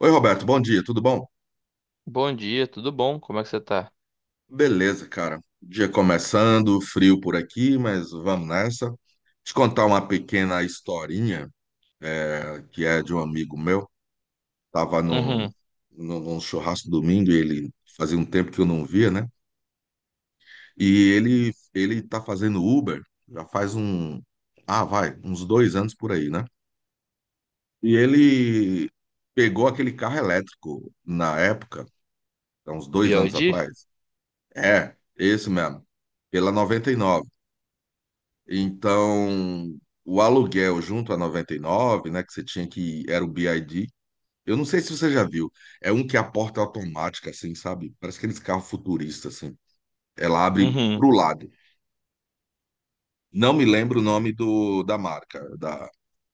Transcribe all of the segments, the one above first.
Oi, Roberto, bom dia, tudo bom? Bom dia, tudo bom? Como é que você tá? Beleza, cara. Dia começando, frio por aqui, mas vamos nessa. Te contar uma pequena historinha, que é de um amigo meu. Tava Uhum. Num churrasco domingo e ele fazia um tempo que eu não via, né? E ele tá fazendo Uber já faz uns dois anos por aí, né? E ele pegou aquele carro elétrico na época, há uns B dois O anos D, atrás. É, esse mesmo, pela 99. Então, o aluguel junto a 99, né, que você tinha que era o BID. Eu não sei se você já viu. É um que é a porta é automática assim, sabe? Parece aqueles carros futuristas assim. Ela abre Uhum. pro lado. Não me lembro o nome do da marca, da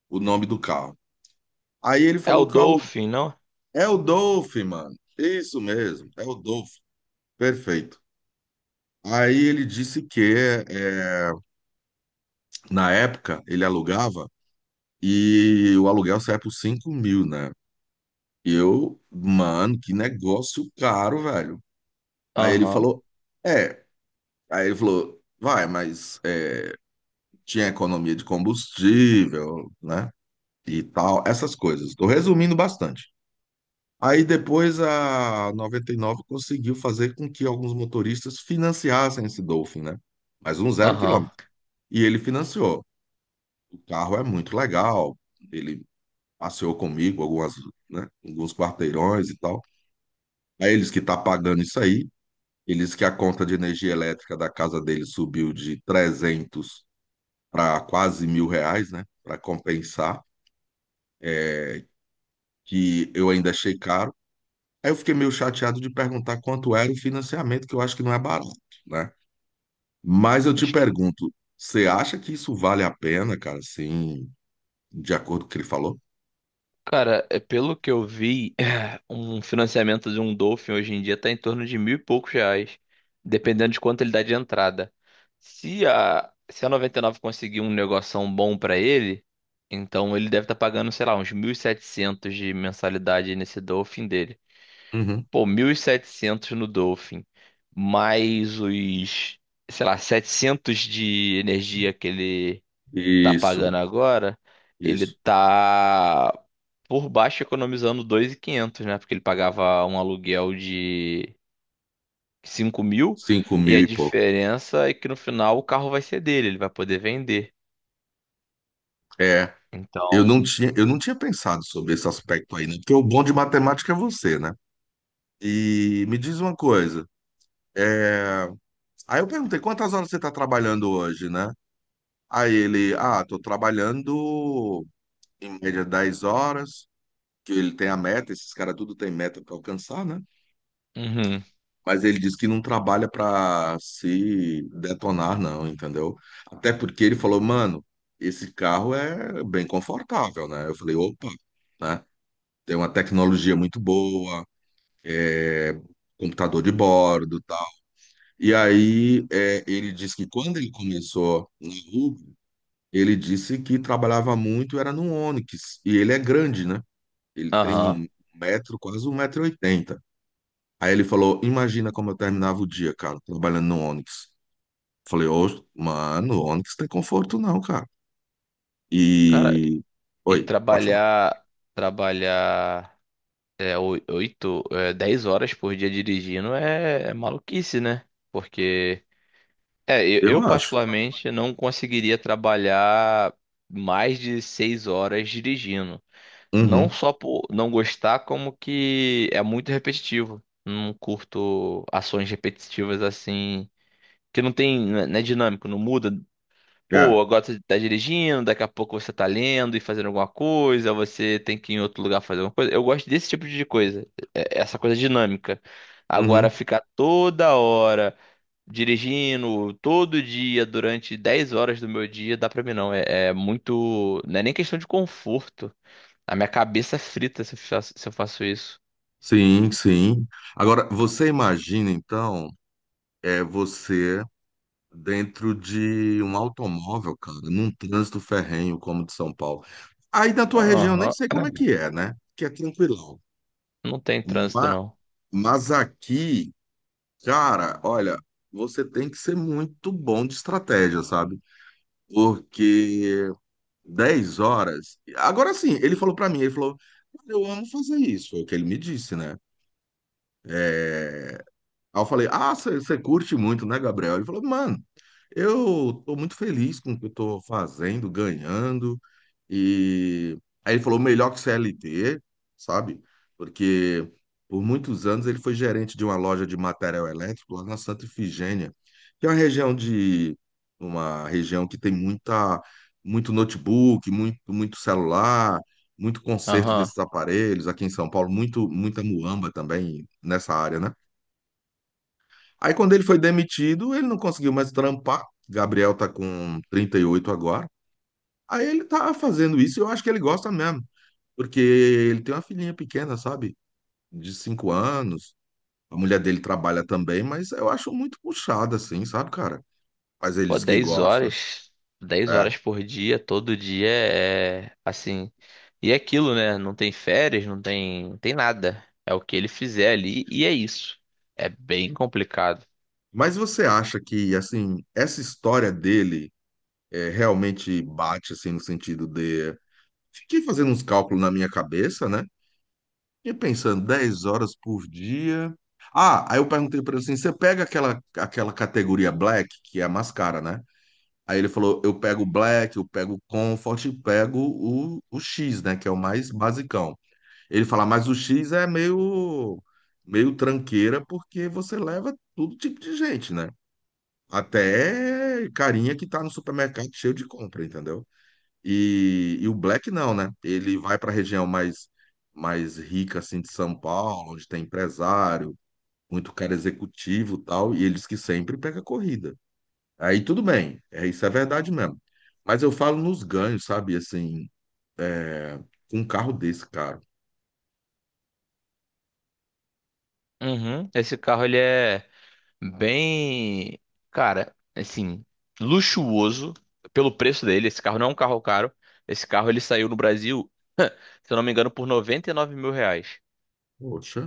o nome do carro. Aí ele É o falou que o aluguel Dolphin, não? é o Dolph, mano. Isso mesmo, é o Dolph. Perfeito. Aí ele disse que é, na época ele alugava e o aluguel sai por 5 mil, né? E eu, mano, que negócio caro, velho. Aí ele Aham, falou, é. Aí ele falou, vai, mas tinha economia de combustível, né? E tal, essas coisas. Tô resumindo bastante. Aí depois a 99 conseguiu fazer com que alguns motoristas financiassem esse Dolphin, né? Mas um zero aham. quilômetro. E ele financiou. O carro é muito legal. Ele passeou comigo algumas, né, alguns quarteirões e tal. Aí eles que tá pagando isso aí. Ele disse que a conta de energia elétrica da casa dele subiu de 300 para quase mil reais, né? Para compensar, é, que eu ainda achei caro. Aí eu fiquei meio chateado de perguntar quanto era o financiamento, que eu acho que não é barato, né? Mas eu te Acho que, pergunto, você acha que isso vale a pena, cara? Sim, de acordo com o que ele falou? cara, é pelo que eu vi, um financiamento de um Dolphin hoje em dia tá em torno de mil e poucos reais, dependendo de quanto ele dá de entrada. Se a 99 conseguir um negoção bom pra ele, então ele deve estar pagando, sei lá, uns 1.700 de mensalidade nesse Dolphin dele. Uhum. Pô, 1.700 no Dolphin, mais os, sei lá, 700 de energia que ele tá Isso, pagando agora, ele isso. tá por baixo economizando 2.500, né? Porque ele pagava um aluguel de 5.000 Cinco e mil a e pouco. diferença é que no final o carro vai ser dele, ele vai poder vender. É, Então. Eu não tinha pensado sobre esse aspecto aí, né? Porque o bom de matemática é você, né? E me diz uma coisa. é, Aí eu perguntei, quantas horas você está trabalhando hoje, né? Aí ele, ah, tô trabalhando em média 10 horas, que ele tem a meta, esses caras tudo tem meta para alcançar, né? Uhum. Mas ele disse que não trabalha para se detonar, não, entendeu? Até porque ele falou, mano, esse carro é bem confortável, né? Eu falei, opa, né? Tem uma tecnologia muito boa, é, computador de bordo. E aí, ele disse que quando ele começou na Uber, ele disse que trabalhava muito, era no Onix. E ele é grande, né? Ele tem Aham. um metro, quase um metro e oitenta. Aí ele falou, imagina como eu terminava o dia, cara, trabalhando no Onix. Falei, ô, mano, Onix tem conforto não, cara. Cara, E... e Oi, pode falar. trabalhar, trabalhar. É, oito, é, 10 horas por dia dirigindo é maluquice, né? Porque, é, eu, Eu eu acho. particularmente não conseguiria trabalhar mais de 6 horas dirigindo. Não Uhum, só por não gostar, como que é muito repetitivo. Não curto ações repetitivas assim, que não tem, não é dinâmico, não muda. é. Pô, agora você tá dirigindo, daqui a pouco você tá lendo e fazendo alguma coisa, você tem que ir em outro lugar fazer alguma coisa. Eu gosto desse tipo de coisa, é essa coisa dinâmica. Agora, Uhum. ficar toda hora dirigindo, todo dia, durante 10 horas do meu dia, dá pra mim não. É muito. Não é nem questão de conforto. A minha cabeça é frita se eu faço isso. Sim, sim. Agora, você imagina, então, você dentro de um automóvel, cara, num trânsito ferrenho como o de São Paulo. Aí na tua região, eu nem Aham. sei como é que é, né? Que é tranquilão. Não tem trânsito, Ma- não. Mas aqui, cara, olha, você tem que ser muito bom de estratégia, sabe? Porque 10 horas. Agora sim, ele falou pra mim, ele falou, "Cara, eu amo fazer isso", é o que ele me disse, né? É, Aí eu falei, ah, você curte muito, né, Gabriel? Ele falou, mano, eu tô muito feliz com o que eu tô fazendo, ganhando. E aí ele falou, melhor que CLT, sabe? Porque por muitos anos ele foi gerente de uma loja de material elétrico lá na Santa Ifigênia, que é uma região que tem muita muito notebook, muito celular, muito conserto Aham. desses aparelhos aqui em São Paulo, muito muita muamba também nessa área, né? Aí quando ele foi demitido, ele não conseguiu mais trampar. Gabriel tá com 38 agora. Aí ele tá fazendo isso, e eu acho que ele gosta mesmo, porque ele tem uma filhinha pequena, sabe? De 5 anos. A mulher dele trabalha também, mas eu acho muito puxada assim, sabe, cara? Mas ele Pô, diz que 10 gosta, horas, dez é. horas por dia, todo dia é assim. E é aquilo, né? Não tem férias, não tem nada. É o que ele fizer ali e é isso. É bem complicado. Mas você acha que assim, essa história dele realmente bate assim no sentido de... Fiquei fazendo uns cálculos na minha cabeça, né? E pensando, 10 horas por dia. Ah, aí eu perguntei pra ele assim: você pega aquela categoria black, que é a mais cara, né? Aí ele falou: eu pego o black, eu pego o comfort e pego o X, né? Que é o mais basicão. Ele fala: mas o X é meio tranqueira, porque você leva todo tipo de gente, né? Até carinha que tá no supermercado cheio de compra, entendeu? E o Black não, né? Ele vai para a região mais rica assim de São Paulo, onde tem empresário, muito cara executivo e tal, e ele diz que sempre pega corrida. Aí tudo bem, isso é verdade mesmo. Mas eu falo nos ganhos, sabe? Assim, é, com um carro desse, cara. Uhum. Esse carro ele é bem, cara, assim, luxuoso pelo preço dele. Esse carro não é um carro caro. Esse carro ele saiu no Brasil, se eu não me engano, por R$ 99.000. Poxa,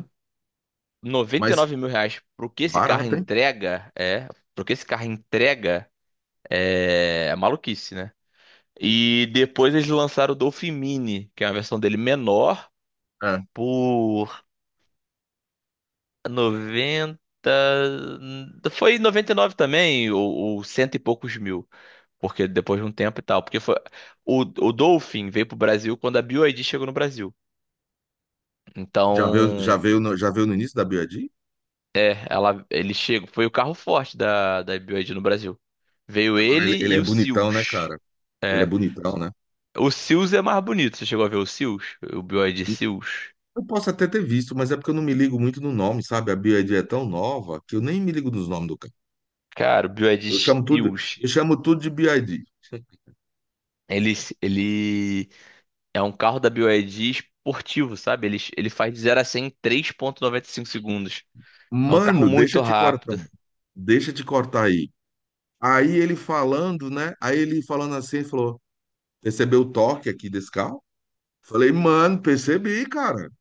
noventa e mas nove mil reais pro que esse carro barato, hein? entrega, é, pro que esse carro entrega. É maluquice, né? E depois eles lançaram o Dolphin Mini, que é uma versão dele menor, É. por 90, foi 99 também, ou, cento e poucos mil. Porque depois de um tempo e tal. Porque foi. O Dolphin veio pro Brasil quando a BYD chegou no Brasil. Já veio, Então, já veio no início da BYD? ele chegou, foi o carro forte da BYD no Brasil. Veio Agora ele ele, ele e é o bonitão, né, Seals. cara? Ele é bonitão, né? O Seals é mais bonito. Você chegou a ver o Seals? O BYD Seals? Eu posso até ter visto, mas é porque eu não me ligo muito no nome, sabe? A BYD é tão nova que eu nem me ligo nos nomes do carro. Cara, o BYD Eu chamo tudo, Steels, eu chamo tudo de BYD. ele, ele é um carro da BYD esportivo, sabe? Ele faz de 0 a 100 em 3,95 segundos. É um carro Mano, deixa eu muito te cortar. rápido. Deixa eu te cortar aí. Aí ele falando, né? Aí ele falando assim, ele falou: percebeu o torque aqui desse carro? Falei, mano, percebi, cara.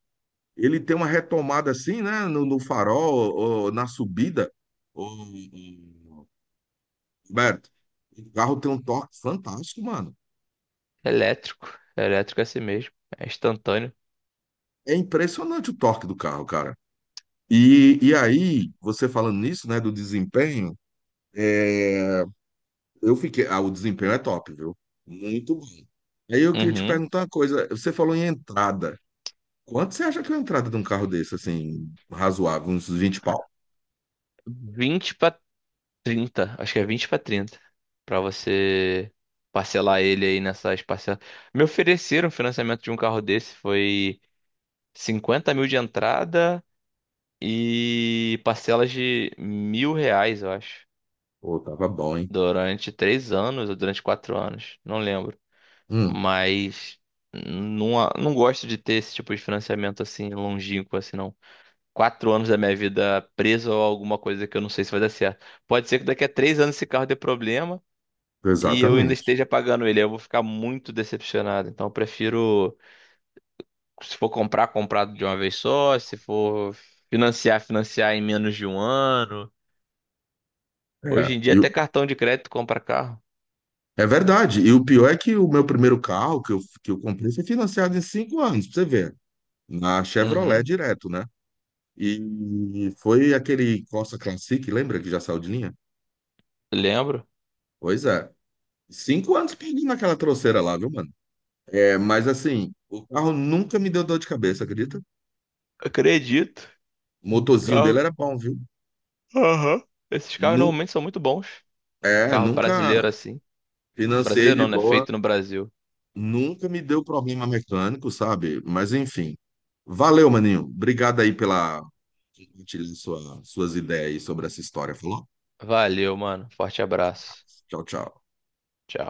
Ele tem uma retomada assim, né? No farol, ou na subida. Ô, ô, Roberto, o carro tem um torque fantástico, mano. Elétrico. Elétrico é assim mesmo. É instantâneo. É impressionante o torque do carro, cara. E aí, você falando nisso, né, do desempenho, é, eu fiquei. Ah, o desempenho é top, viu? Muito bom. Aí eu queria te Uhum. perguntar uma coisa. Você falou em entrada. Quanto você acha que é a entrada de um carro desse, assim, razoável? Uns 20 pau? 20 para 30. Acho que é 20 para 30. Pra você parcelar ele aí nessas parcelas. Me ofereceram o financiamento de um carro desse. Foi 50.000 de entrada e parcelas de R$ 1.000, eu acho. Pô, tava bom, hein? Durante 3 anos ou durante 4 anos, não lembro. Hum, Mas não, não gosto de ter esse tipo de financiamento assim longínquo, assim, não. 4 anos da minha vida preso a alguma coisa que eu não sei se vai dar certo. Pode ser que daqui a 3 anos esse carro dê problema e eu ainda exatamente. esteja pagando ele. Aí eu vou ficar muito decepcionado. Então eu prefiro, se for comprar, comprar de uma vez só. Se for financiar, financiar em menos de um ano. Hoje É, em dia e o... até cartão de crédito compra carro. é verdade. E o pior é que o meu primeiro carro que eu comprei foi financiado em cinco anos, pra você ver. Na Chevrolet Uhum, direto, né? E foi aquele Corsa Classic, lembra que já saiu de linha? lembro. Pois é. Cinco anos perdendo aquela trouxeira lá, viu, mano? É, mas assim, o carro nunca me deu dor de cabeça, acredita? Acredito. O motorzinho dele Carro. era bom, viu? Aham. Esses carros Nu normalmente são muito bons. Carro nunca brasileiro assim. financei Brasileiro de não, né? boa, Feito no Brasil. nunca me deu problema mecânico, sabe? Mas enfim. Valeu, maninho. Obrigado aí pela compartilhar suas ideias aí sobre essa história, falou? Valeu, mano. Forte abraço. Tchau, tchau. Tchau.